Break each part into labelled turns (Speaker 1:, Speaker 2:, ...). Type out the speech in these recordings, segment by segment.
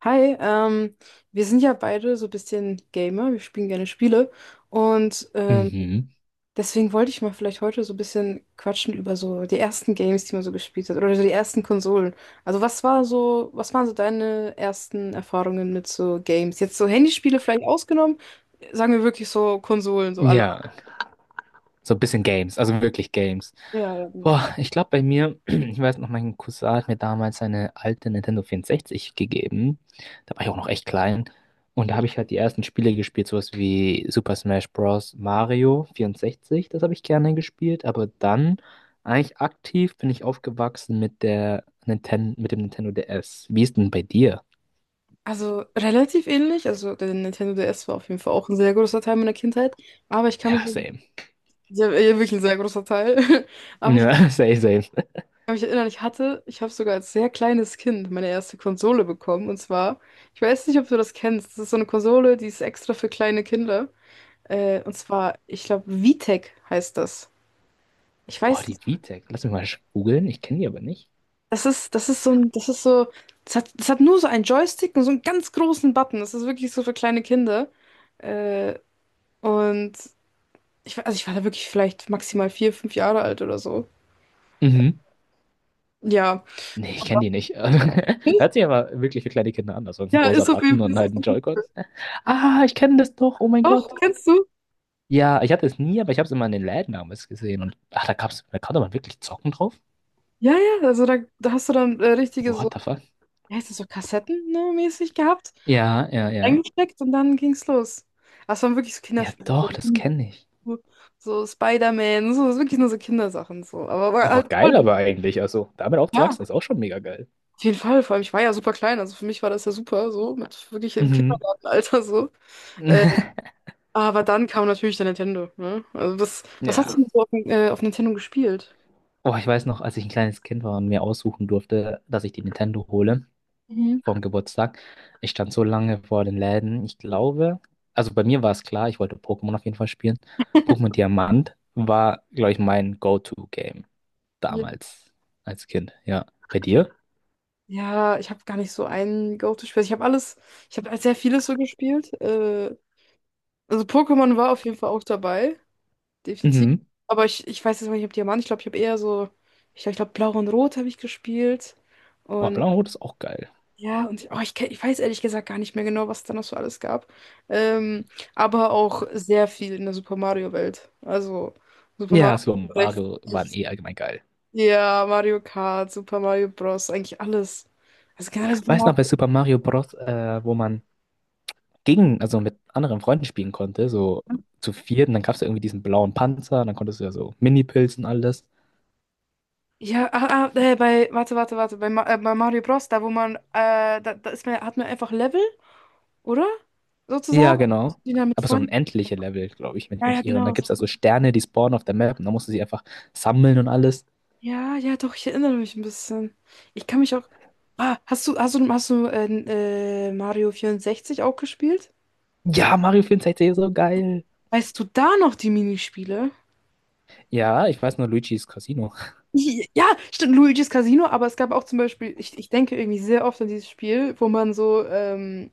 Speaker 1: Hi, wir sind ja beide so ein bisschen Gamer, wir spielen gerne Spiele und
Speaker 2: Mhm.
Speaker 1: deswegen wollte ich mal vielleicht heute so ein bisschen quatschen über so die ersten Games, die man so gespielt hat oder so die ersten Konsolen. Also was waren so deine ersten Erfahrungen mit so Games? Jetzt so Handyspiele vielleicht ausgenommen, sagen wir wirklich so Konsolen, so alle.
Speaker 2: Ja, so ein bisschen Games, also wirklich Games.
Speaker 1: Ja, ja, genau.
Speaker 2: Boah, ich glaube bei mir, ich weiß noch, mein Cousin hat mir damals seine alte Nintendo 64 gegeben. Da war ich auch noch echt klein. Und da
Speaker 1: Mhm.
Speaker 2: habe ich halt die ersten Spiele gespielt, sowas wie Super Smash Bros. Mario vierundsechzig, das habe ich gerne gespielt. Aber dann eigentlich aktiv bin ich aufgewachsen mit der Ninten mit dem Nintendo DS. Wie ist denn bei dir?
Speaker 1: Also relativ ähnlich, also der Nintendo DS war auf jeden Fall auch ein sehr großer Teil meiner Kindheit, aber ich kann mich
Speaker 2: Ja,
Speaker 1: so,
Speaker 2: same.
Speaker 1: ja, ja, wirklich ein sehr großer Teil. Aber ich
Speaker 2: Ja, same, same.
Speaker 1: kann mich erinnern, ich habe sogar als sehr kleines Kind meine erste Konsole bekommen. Und zwar, ich weiß nicht, ob du das kennst. Das ist so eine Konsole, die ist extra für kleine Kinder. Und zwar, ich glaube, Vitek heißt das. Ich
Speaker 2: Boah,
Speaker 1: weiß
Speaker 2: die
Speaker 1: nicht.
Speaker 2: VTech, lass mich mal googeln, ich kenne die aber nicht.
Speaker 1: Das ist so ein, das ist so, das hat nur so einen Joystick und so einen ganz großen Button. Das ist wirklich so für kleine Kinder. Äh, und also ich war da wirklich vielleicht maximal 4, 5 Jahre alt oder so.
Speaker 2: Mhm.
Speaker 1: Ja.
Speaker 2: Nee, ich kenne die nicht. Hört sich aber wirklich für kleine Kinder an. Also ein
Speaker 1: Ja,
Speaker 2: großer
Speaker 1: ist auf jeden
Speaker 2: Button
Speaker 1: Fall.
Speaker 2: und
Speaker 1: Ist auf
Speaker 2: halt ein
Speaker 1: jeden Fall.
Speaker 2: Joy-Con. Ah, ich kenne das doch. Oh mein
Speaker 1: Doch,
Speaker 2: Gott.
Speaker 1: kennst du?
Speaker 2: Ja, ich hatte es nie, aber ich habe es immer in den Läden damals gesehen. Und ach, da gab's, da konnte man wirklich zocken drauf.
Speaker 1: Ja, ja, also da hast du dann richtige so,
Speaker 2: What the fuck?
Speaker 1: wie heißt das so, Kassetten, ne, mäßig gehabt,
Speaker 2: Ja, ja, ja.
Speaker 1: eingesteckt und dann ging's los. Das waren wirklich so
Speaker 2: Ja,
Speaker 1: Kinderspiele.
Speaker 2: doch, das kenne ich.
Speaker 1: So, Spider-Man, so, das ist wirklich nur so Kindersachen, so. Aber war
Speaker 2: Oh,
Speaker 1: halt voll,
Speaker 2: geil aber eigentlich. Also damit
Speaker 1: ja,
Speaker 2: aufzuwachsen ist auch schon mega geil.
Speaker 1: auf jeden Fall, vor allem, ich war ja super klein, also für mich war das ja super, so, mit wirklich im
Speaker 2: Mhm.
Speaker 1: Kindergartenalter, so. Äh, aber dann kam natürlich der Nintendo, ne? Also das, was hast du
Speaker 2: Ja.
Speaker 1: denn so auf Nintendo gespielt?
Speaker 2: Oh, ich weiß noch, als ich ein kleines Kind war und mir aussuchen durfte, dass ich die Nintendo hole
Speaker 1: Mhm.
Speaker 2: vom Geburtstag. Ich stand so lange vor den Läden. Ich glaube, also bei mir war es klar, ich wollte Pokémon auf jeden Fall spielen. Pokémon Diamant war, glaube ich, mein Go-To-Game damals als Kind. Ja, bei dir?
Speaker 1: Ja, ich habe gar nicht so ein Go-To-Spiel. Also, ich habe alles, ich habe sehr vieles so gespielt. Also Pokémon war auf jeden Fall auch dabei, definitiv.
Speaker 2: Mhm.
Speaker 1: Aber ich weiß jetzt noch nicht, ob Diamant, ich glaube, ich habe eher so, ich glaub, Blau und Rot habe ich gespielt.
Speaker 2: Oh,
Speaker 1: Und
Speaker 2: Blau und Rot ist auch geil.
Speaker 1: ja, ich weiß ehrlich gesagt gar nicht mehr genau, was es da noch so alles gab. Ähm, aber auch sehr viel in der Super Mario-Welt. Also Super Mario
Speaker 2: Ja, Super Mario waren
Speaker 1: 64,
Speaker 2: eh allgemein geil.
Speaker 1: ja, Mario Kart, Super Mario Bros., eigentlich alles. Also generell Super
Speaker 2: Weiß
Speaker 1: Mario.
Speaker 2: noch, bei Super Mario Bros., wo man gegen, also mit anderen Freunden spielen konnte, so zu viert, und dann gab es ja irgendwie diesen blauen Panzer, und dann konntest du ja so Mini-Pilzen und alles.
Speaker 1: Ja, warte, warte, warte, bei Mario Bros, da wo man, hat man einfach Level, oder?
Speaker 2: Ja,
Speaker 1: Sozusagen.
Speaker 2: genau.
Speaker 1: Die da mit
Speaker 2: Aber so ein
Speaker 1: Freunden.
Speaker 2: endliche Level, glaube ich, wenn ich
Speaker 1: Ja,
Speaker 2: mich
Speaker 1: ja,
Speaker 2: nicht irre. Da
Speaker 1: genau.
Speaker 2: gibt es also Sterne, die spawnen auf der Map und da musst du sie einfach sammeln und alles.
Speaker 1: Ja, ja, doch, ich erinnere mich ein bisschen. Ich kann mich auch. Ah, hast du Mario 64 auch gespielt?
Speaker 2: Ja, Mario 64 ist so geil.
Speaker 1: Weißt du da noch die Minispiele?
Speaker 2: Ja, ich weiß nur Luigi's Casino.
Speaker 1: Ja, stimmt, Luigi's Casino, aber es gab auch zum Beispiel, ich denke irgendwie sehr oft an dieses Spiel, wo man so, ähm,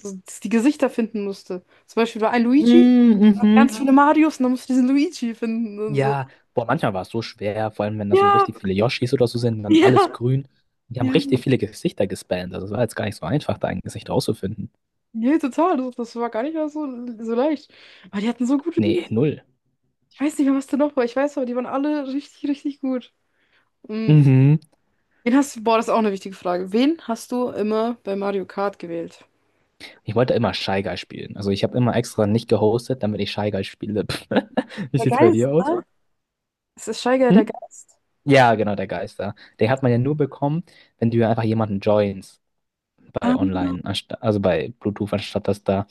Speaker 1: so die Gesichter finden musste. Zum Beispiel war ein Luigi,
Speaker 2: Mm,
Speaker 1: ganz
Speaker 2: Mhm.
Speaker 1: viele Marios und dann musst du diesen Luigi finden und so.
Speaker 2: Ja, boah, manchmal war es so schwer, vor allem wenn da so
Speaker 1: Ja,
Speaker 2: richtig viele Yoshis oder so sind, dann alles
Speaker 1: ja,
Speaker 2: grün. Die haben richtig
Speaker 1: ja.
Speaker 2: viele Gesichter gespammt. Also es war jetzt gar nicht so einfach, da ein Gesicht rauszufinden.
Speaker 1: Nee, total. Das war gar nicht mal so, leicht. Aber die hatten so gute
Speaker 2: Nee,
Speaker 1: Wings.
Speaker 2: null.
Speaker 1: Ich weiß nicht mehr, was da noch war. Ich weiß aber, die waren alle richtig, richtig gut. Mhm.
Speaker 2: Mhm.
Speaker 1: Wen hast du, boah, das ist auch eine wichtige Frage. Wen hast du immer bei Mario Kart gewählt?
Speaker 2: Ich wollte immer Shy Guy spielen. Also ich habe immer extra nicht gehostet, damit ich Shy Guy spiele. Wie
Speaker 1: Der
Speaker 2: sieht's bei
Speaker 1: Geist,
Speaker 2: dir aus?
Speaker 1: ne? Es ist Steiger der
Speaker 2: Hm?
Speaker 1: Geist.
Speaker 2: Ja, genau, der Geister. Den hat man ja nur bekommen, wenn du einfach jemanden joins bei
Speaker 1: Ah.
Speaker 2: online, also bei Bluetooth, anstatt dass da,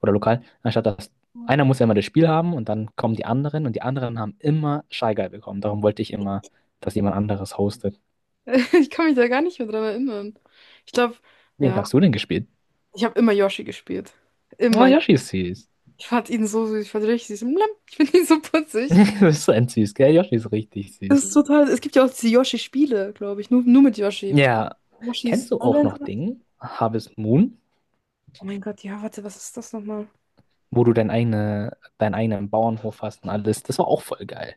Speaker 2: oder lokal, anstatt dass einer muss ja immer das Spiel haben und dann kommen die anderen und die anderen haben immer Shy Guy bekommen. Darum wollte ich immer, dass jemand anderes hostet.
Speaker 1: Ich kann mich da gar nicht mehr dran erinnern. Ich glaube,
Speaker 2: Wen
Speaker 1: ja,
Speaker 2: hast du denn gespielt?
Speaker 1: ich habe immer Yoshi gespielt.
Speaker 2: Oh,
Speaker 1: Immer.
Speaker 2: Yoshi ist süß.
Speaker 1: Ich fand ihn so süß. Ich fand ihn richtig süß. Lam, ich finde ihn so putzig.
Speaker 2: Du bist so ein süß, gell? Yoshi ist richtig
Speaker 1: Das
Speaker 2: süß.
Speaker 1: ist total. Es gibt ja auch diese Yoshi-Spiele, glaube ich. Nur, nur mit Yoshi.
Speaker 2: Ja.
Speaker 1: Yoshi's
Speaker 2: Kennst du auch
Speaker 1: Island.
Speaker 2: noch Ding, Harvest Moon,
Speaker 1: Oh mein Gott, ja, warte, was ist das nochmal?
Speaker 2: wo du deinen eigenen Bauernhof hast und alles? Das war auch voll geil.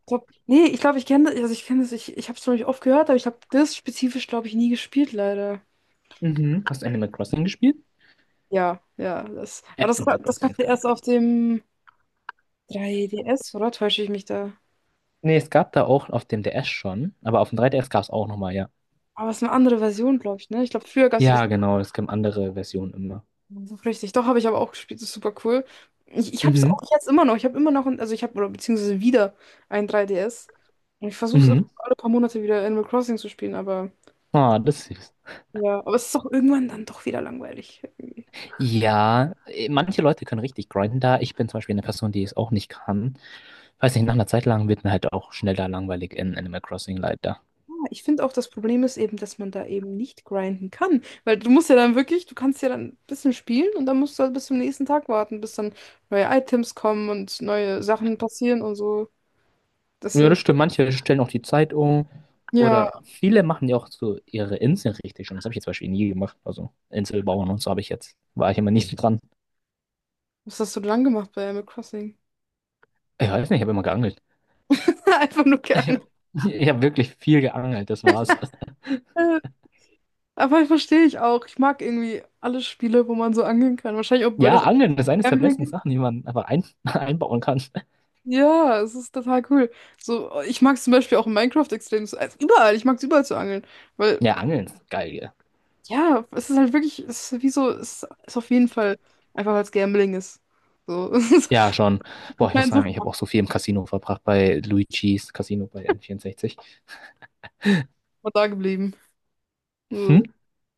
Speaker 1: Ich glaub, nee, ich glaube, ich kenne das. Also ich kenne das. Ich habe es zwar nicht oft gehört, aber ich habe das spezifisch, glaube ich, nie gespielt, leider.
Speaker 2: Mhm. Hast du Animal Crossing gespielt?
Speaker 1: Ja, ja. Das, aber das,
Speaker 2: Animal
Speaker 1: das
Speaker 2: Crossing
Speaker 1: gab
Speaker 2: ist
Speaker 1: es
Speaker 2: geil.
Speaker 1: erst auf dem 3DS, oder? Täusche ich mich da?
Speaker 2: Nee, es gab da auch auf dem DS schon, aber auf dem 3DS gab es auch nochmal, ja.
Speaker 1: Aber es ist eine andere Version, glaube ich, ne? Ich glaube, früher gab es
Speaker 2: Ja, genau, es gibt andere Versionen immer.
Speaker 1: so richtig. Doch, habe ich aber auch gespielt. Das ist super cool. Ich habe es auch
Speaker 2: Mhm.
Speaker 1: jetzt immer noch. Ich habe immer noch, ein, also ich habe, oder beziehungsweise wieder ein 3DS. Und ich versuche es
Speaker 2: Mhm.
Speaker 1: alle paar Monate wieder Animal Crossing zu spielen, aber
Speaker 2: Ah, das ist.
Speaker 1: ja, aber es ist auch irgendwann dann doch wieder langweilig.
Speaker 2: Ja, manche Leute können richtig grinden da. Ich bin zum Beispiel eine Person, die es auch nicht kann. Weiß nicht, nach einer Zeit lang wird mir halt auch schneller langweilig in Animal Crossing leider.
Speaker 1: Ja, ich finde auch, das Problem ist eben, dass man da eben nicht grinden kann. Weil du kannst ja dann ein bisschen spielen und dann musst du halt bis zum nächsten Tag warten, bis dann neue Items kommen und neue Sachen passieren und so.
Speaker 2: Ja, das
Speaker 1: Deswegen,
Speaker 2: stimmt. Manche stellen auch die Zeit um.
Speaker 1: ja,
Speaker 2: Oder viele machen ja auch so ihre Inseln richtig schon. Das habe ich jetzt zum Beispiel nie gemacht. Also Inselbauern und so habe ich jetzt. War ich immer nicht so dran.
Speaker 1: was hast du denn dann gemacht bei Animal Crossing?
Speaker 2: Ich weiß nicht, ich habe immer geangelt.
Speaker 1: Einfach nur
Speaker 2: Ich
Speaker 1: gerne.
Speaker 2: habe ich hab wirklich viel geangelt, das war's.
Speaker 1: Aber verstehe ich auch. Ich mag irgendwie alle Spiele, wo man so angehen kann. Wahrscheinlich auch, weil
Speaker 2: Ja,
Speaker 1: das
Speaker 2: Angeln ist eines der
Speaker 1: Gambling
Speaker 2: besten
Speaker 1: ist.
Speaker 2: Sachen, die man einfach einbauen kann.
Speaker 1: Ja, es ist total cool. So, ich mag es zum Beispiel auch in Minecraft extrem. Also überall, ich mag es überall zu angeln. Weil,
Speaker 2: Ja, Angeln ist geil, gell?
Speaker 1: ja, es ist halt wirklich, es ist wie so, es ist auf jeden Fall einfach, weil es Gambling ist. So, es ist-
Speaker 2: Ja, schon.
Speaker 1: ich
Speaker 2: Boah, ich muss
Speaker 1: meine, so
Speaker 2: sagen,
Speaker 1: ist
Speaker 2: ich habe auch so viel im Casino verbracht bei Luigi's Casino bei N64.
Speaker 1: man da geblieben.
Speaker 2: Hm?
Speaker 1: So.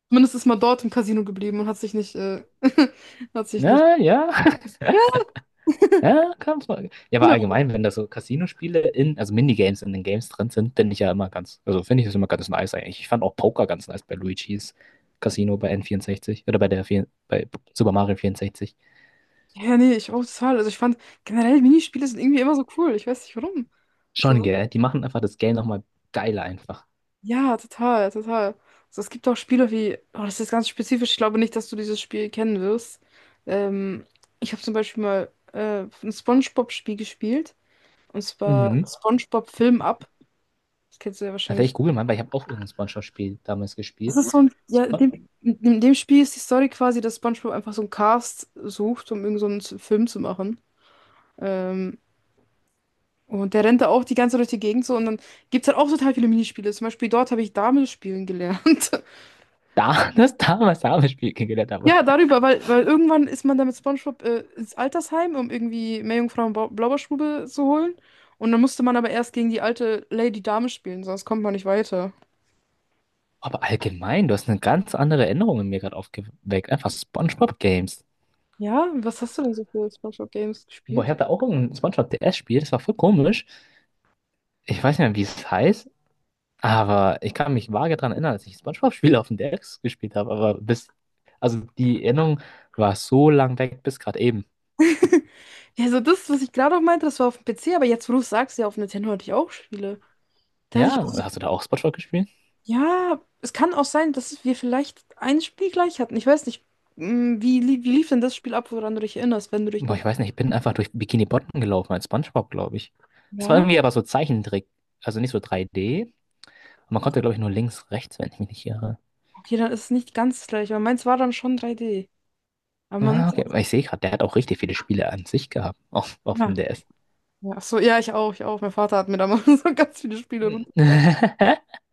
Speaker 1: Zumindest ist man dort im Casino geblieben und hat sich nicht, hat sich nicht.
Speaker 2: Ja, ja,
Speaker 1: Ja,
Speaker 2: ja, kann's mal. Ja, aber
Speaker 1: genau.
Speaker 2: allgemein, wenn da so Casino-Spiele in, also Minigames in den Games drin sind, bin ich ja immer ganz, also finde ich das immer ganz nice eigentlich. Ich fand auch Poker ganz nice bei Luigi's Casino bei N64 oder bei bei Super Mario 64.
Speaker 1: Ja, nee, ich auch total. Also ich fand generell Minispiele sind irgendwie immer so cool. Ich weiß nicht warum.
Speaker 2: Schon,
Speaker 1: So,
Speaker 2: gell? Die machen einfach das Game nochmal geiler einfach.
Speaker 1: ja, total, total. Also es gibt auch Spiele wie, oh, das ist ganz spezifisch, ich glaube nicht, dass du dieses Spiel kennen wirst. Ähm, Ich habe zum Beispiel mal ein SpongeBob-Spiel gespielt, und zwar
Speaker 2: Mhm.
Speaker 1: SpongeBob Film Up. Das kennst du ja
Speaker 2: Also
Speaker 1: wahrscheinlich.
Speaker 2: ich google mal, weil ich habe auch irgendein SpongeBob-Spiel damals
Speaker 1: Das
Speaker 2: gespielt.
Speaker 1: ist so ein, ja, in
Speaker 2: Spon
Speaker 1: dem, in dem Spiel ist die Story quasi, dass SpongeBob einfach so einen Cast sucht, um irgend so einen Film zu machen. Ähm, und der rennt da auch die ganze Zeit durch die Gegend so und dann gibt es halt auch total viele Minispiele. Zum Beispiel dort habe ich Dame spielen gelernt.
Speaker 2: das damals habe ich Spiel kennengelernt habe.
Speaker 1: Ja, darüber, weil, weil irgendwann ist man dann mit SpongeBob ins Altersheim, um irgendwie Meerjungfrau und Blaubeerstube zu holen. Und dann musste man aber erst gegen die alte Lady Dame spielen, sonst kommt man nicht weiter.
Speaker 2: Aber allgemein, du hast eine ganz andere Erinnerung in mir gerade aufgeweckt. Einfach SpongeBob-Games.
Speaker 1: Ja, was hast du denn so für SpongeBob-Games
Speaker 2: Boah, ich
Speaker 1: gespielt?
Speaker 2: hatte auch irgendein SpongeBob-DS-Spiel, das war voll komisch. Ich weiß nicht mehr, wie es heißt, aber ich kann mich vage daran erinnern, dass ich SpongeBob-Spiele auf dem DS gespielt habe. Also die Erinnerung war so lang weg bis gerade eben.
Speaker 1: Ja, so das, was ich gerade auch meinte, das war auf dem PC, aber jetzt, wo du es sagst, ja, auf Nintendo hatte ich auch Spiele. Da hatte ich auch,
Speaker 2: Ja, hast du da auch SpongeBob gespielt?
Speaker 1: ja, es kann auch sein, dass wir vielleicht ein Spiel gleich hatten. Ich weiß nicht, wie lief denn das Spiel ab, woran du dich erinnerst, wenn du dich
Speaker 2: Boah,
Speaker 1: noch.
Speaker 2: ich weiß nicht, ich bin einfach durch Bikini Bottom gelaufen als SpongeBob, glaube ich. Es war
Speaker 1: Ja,
Speaker 2: irgendwie aber so Zeichentrick, also nicht so 3D. Und man konnte, glaube ich, nur links, rechts, wenn ich mich nicht irre.
Speaker 1: okay, dann ist es nicht ganz gleich, aber meins war dann schon 3D. Aber man
Speaker 2: Ah, okay, aber ich sehe gerade, der hat auch richtig viele Spiele an sich gehabt, auf
Speaker 1: Ja.
Speaker 2: dem DS.
Speaker 1: Ja, ach so, ja, ich auch, ich auch. Mein Vater hat mir damals so ganz viele Spiele runtergeladen.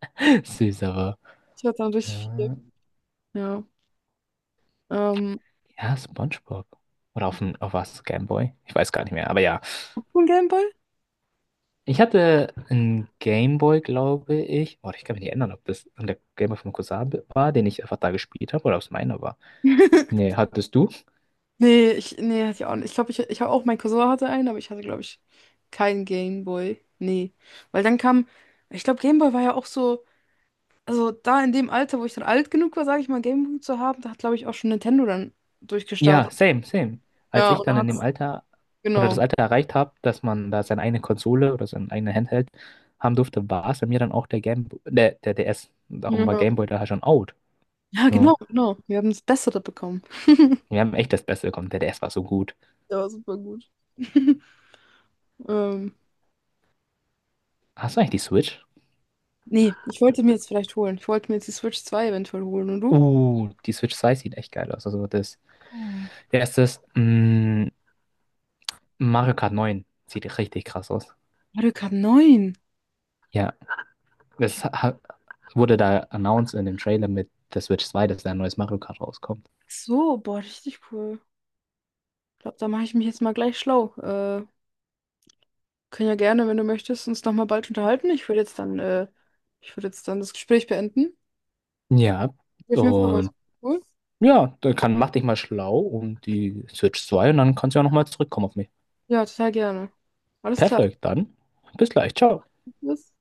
Speaker 2: Süß, aber.
Speaker 1: Ich hatte dann richtig viel.
Speaker 2: äh,
Speaker 1: Ja. Ähm,
Speaker 2: Ja, SpongeBob. Oder auf dem, auf was? Gameboy? Ich weiß gar nicht mehr, aber ja.
Speaker 1: Hast du einen Gameboy?
Speaker 2: Ich hatte einen Gameboy, glaube ich. Oh, ich kann mich nicht erinnern, ob das der Gameboy vom Cousin war, den ich einfach da gespielt habe, oder ob es meiner war. Nee, hattest du?
Speaker 1: Nee, nee, hatte ich auch nicht. Ich glaube, ich habe auch, mein Cousin hatte einen, aber ich hatte, glaube ich, keinen Gameboy. Nee. Weil dann kam, ich glaube, Gameboy war ja auch so, also da in dem Alter, wo ich dann alt genug war, sage ich mal, Gameboy zu haben, da hat, glaube ich, auch schon Nintendo dann durchgestartet.
Speaker 2: Ja, same, same. Als
Speaker 1: Ja,
Speaker 2: ich
Speaker 1: und dann
Speaker 2: dann in dem
Speaker 1: hat's,
Speaker 2: Alter oder das
Speaker 1: genau.
Speaker 2: Alter erreicht habe, dass man da seine eigene Konsole oder sein eigenes Handheld haben durfte, war es bei mir dann auch der der DS. Darum
Speaker 1: Ja,
Speaker 2: war Gameboy da halt schon out.
Speaker 1: ja
Speaker 2: Ja.
Speaker 1: genau, genau. Wir haben das Bessere bekommen.
Speaker 2: Wir haben echt das Beste bekommen. Der DS war so gut.
Speaker 1: Der war super gut. Ähm,
Speaker 2: Hast du eigentlich die Switch?
Speaker 1: nee, ich wollte mir jetzt vielleicht holen. Ich wollte mir jetzt die Switch 2 eventuell holen. Und du?
Speaker 2: Die Switch 2 sieht echt geil aus. Also das,
Speaker 1: Oh.
Speaker 2: der ist, mh, Mario Kart 9 sieht richtig krass aus.
Speaker 1: Mario Kart 9.
Speaker 2: Ja,
Speaker 1: Ach
Speaker 2: das ha- wurde da announced in dem Trailer mit der Switch 2, dass da ein neues Mario Kart rauskommt.
Speaker 1: so, boah, richtig cool. Ich glaube, da mache ich mich jetzt mal gleich schlau. Können ja gerne, wenn du möchtest, uns nochmal bald unterhalten. Ich würde jetzt dann, ich würde jetzt dann das Gespräch beenden.
Speaker 2: Ja.
Speaker 1: Auf jeden Fall war es
Speaker 2: Und
Speaker 1: cool.
Speaker 2: ja, dann kann, mach dich mal schlau um die Switch 2 und dann kannst du ja nochmal zurückkommen auf mich.
Speaker 1: Ja, total gerne. Alles klar.
Speaker 2: Perfekt, dann bis gleich, ciao.
Speaker 1: Bis.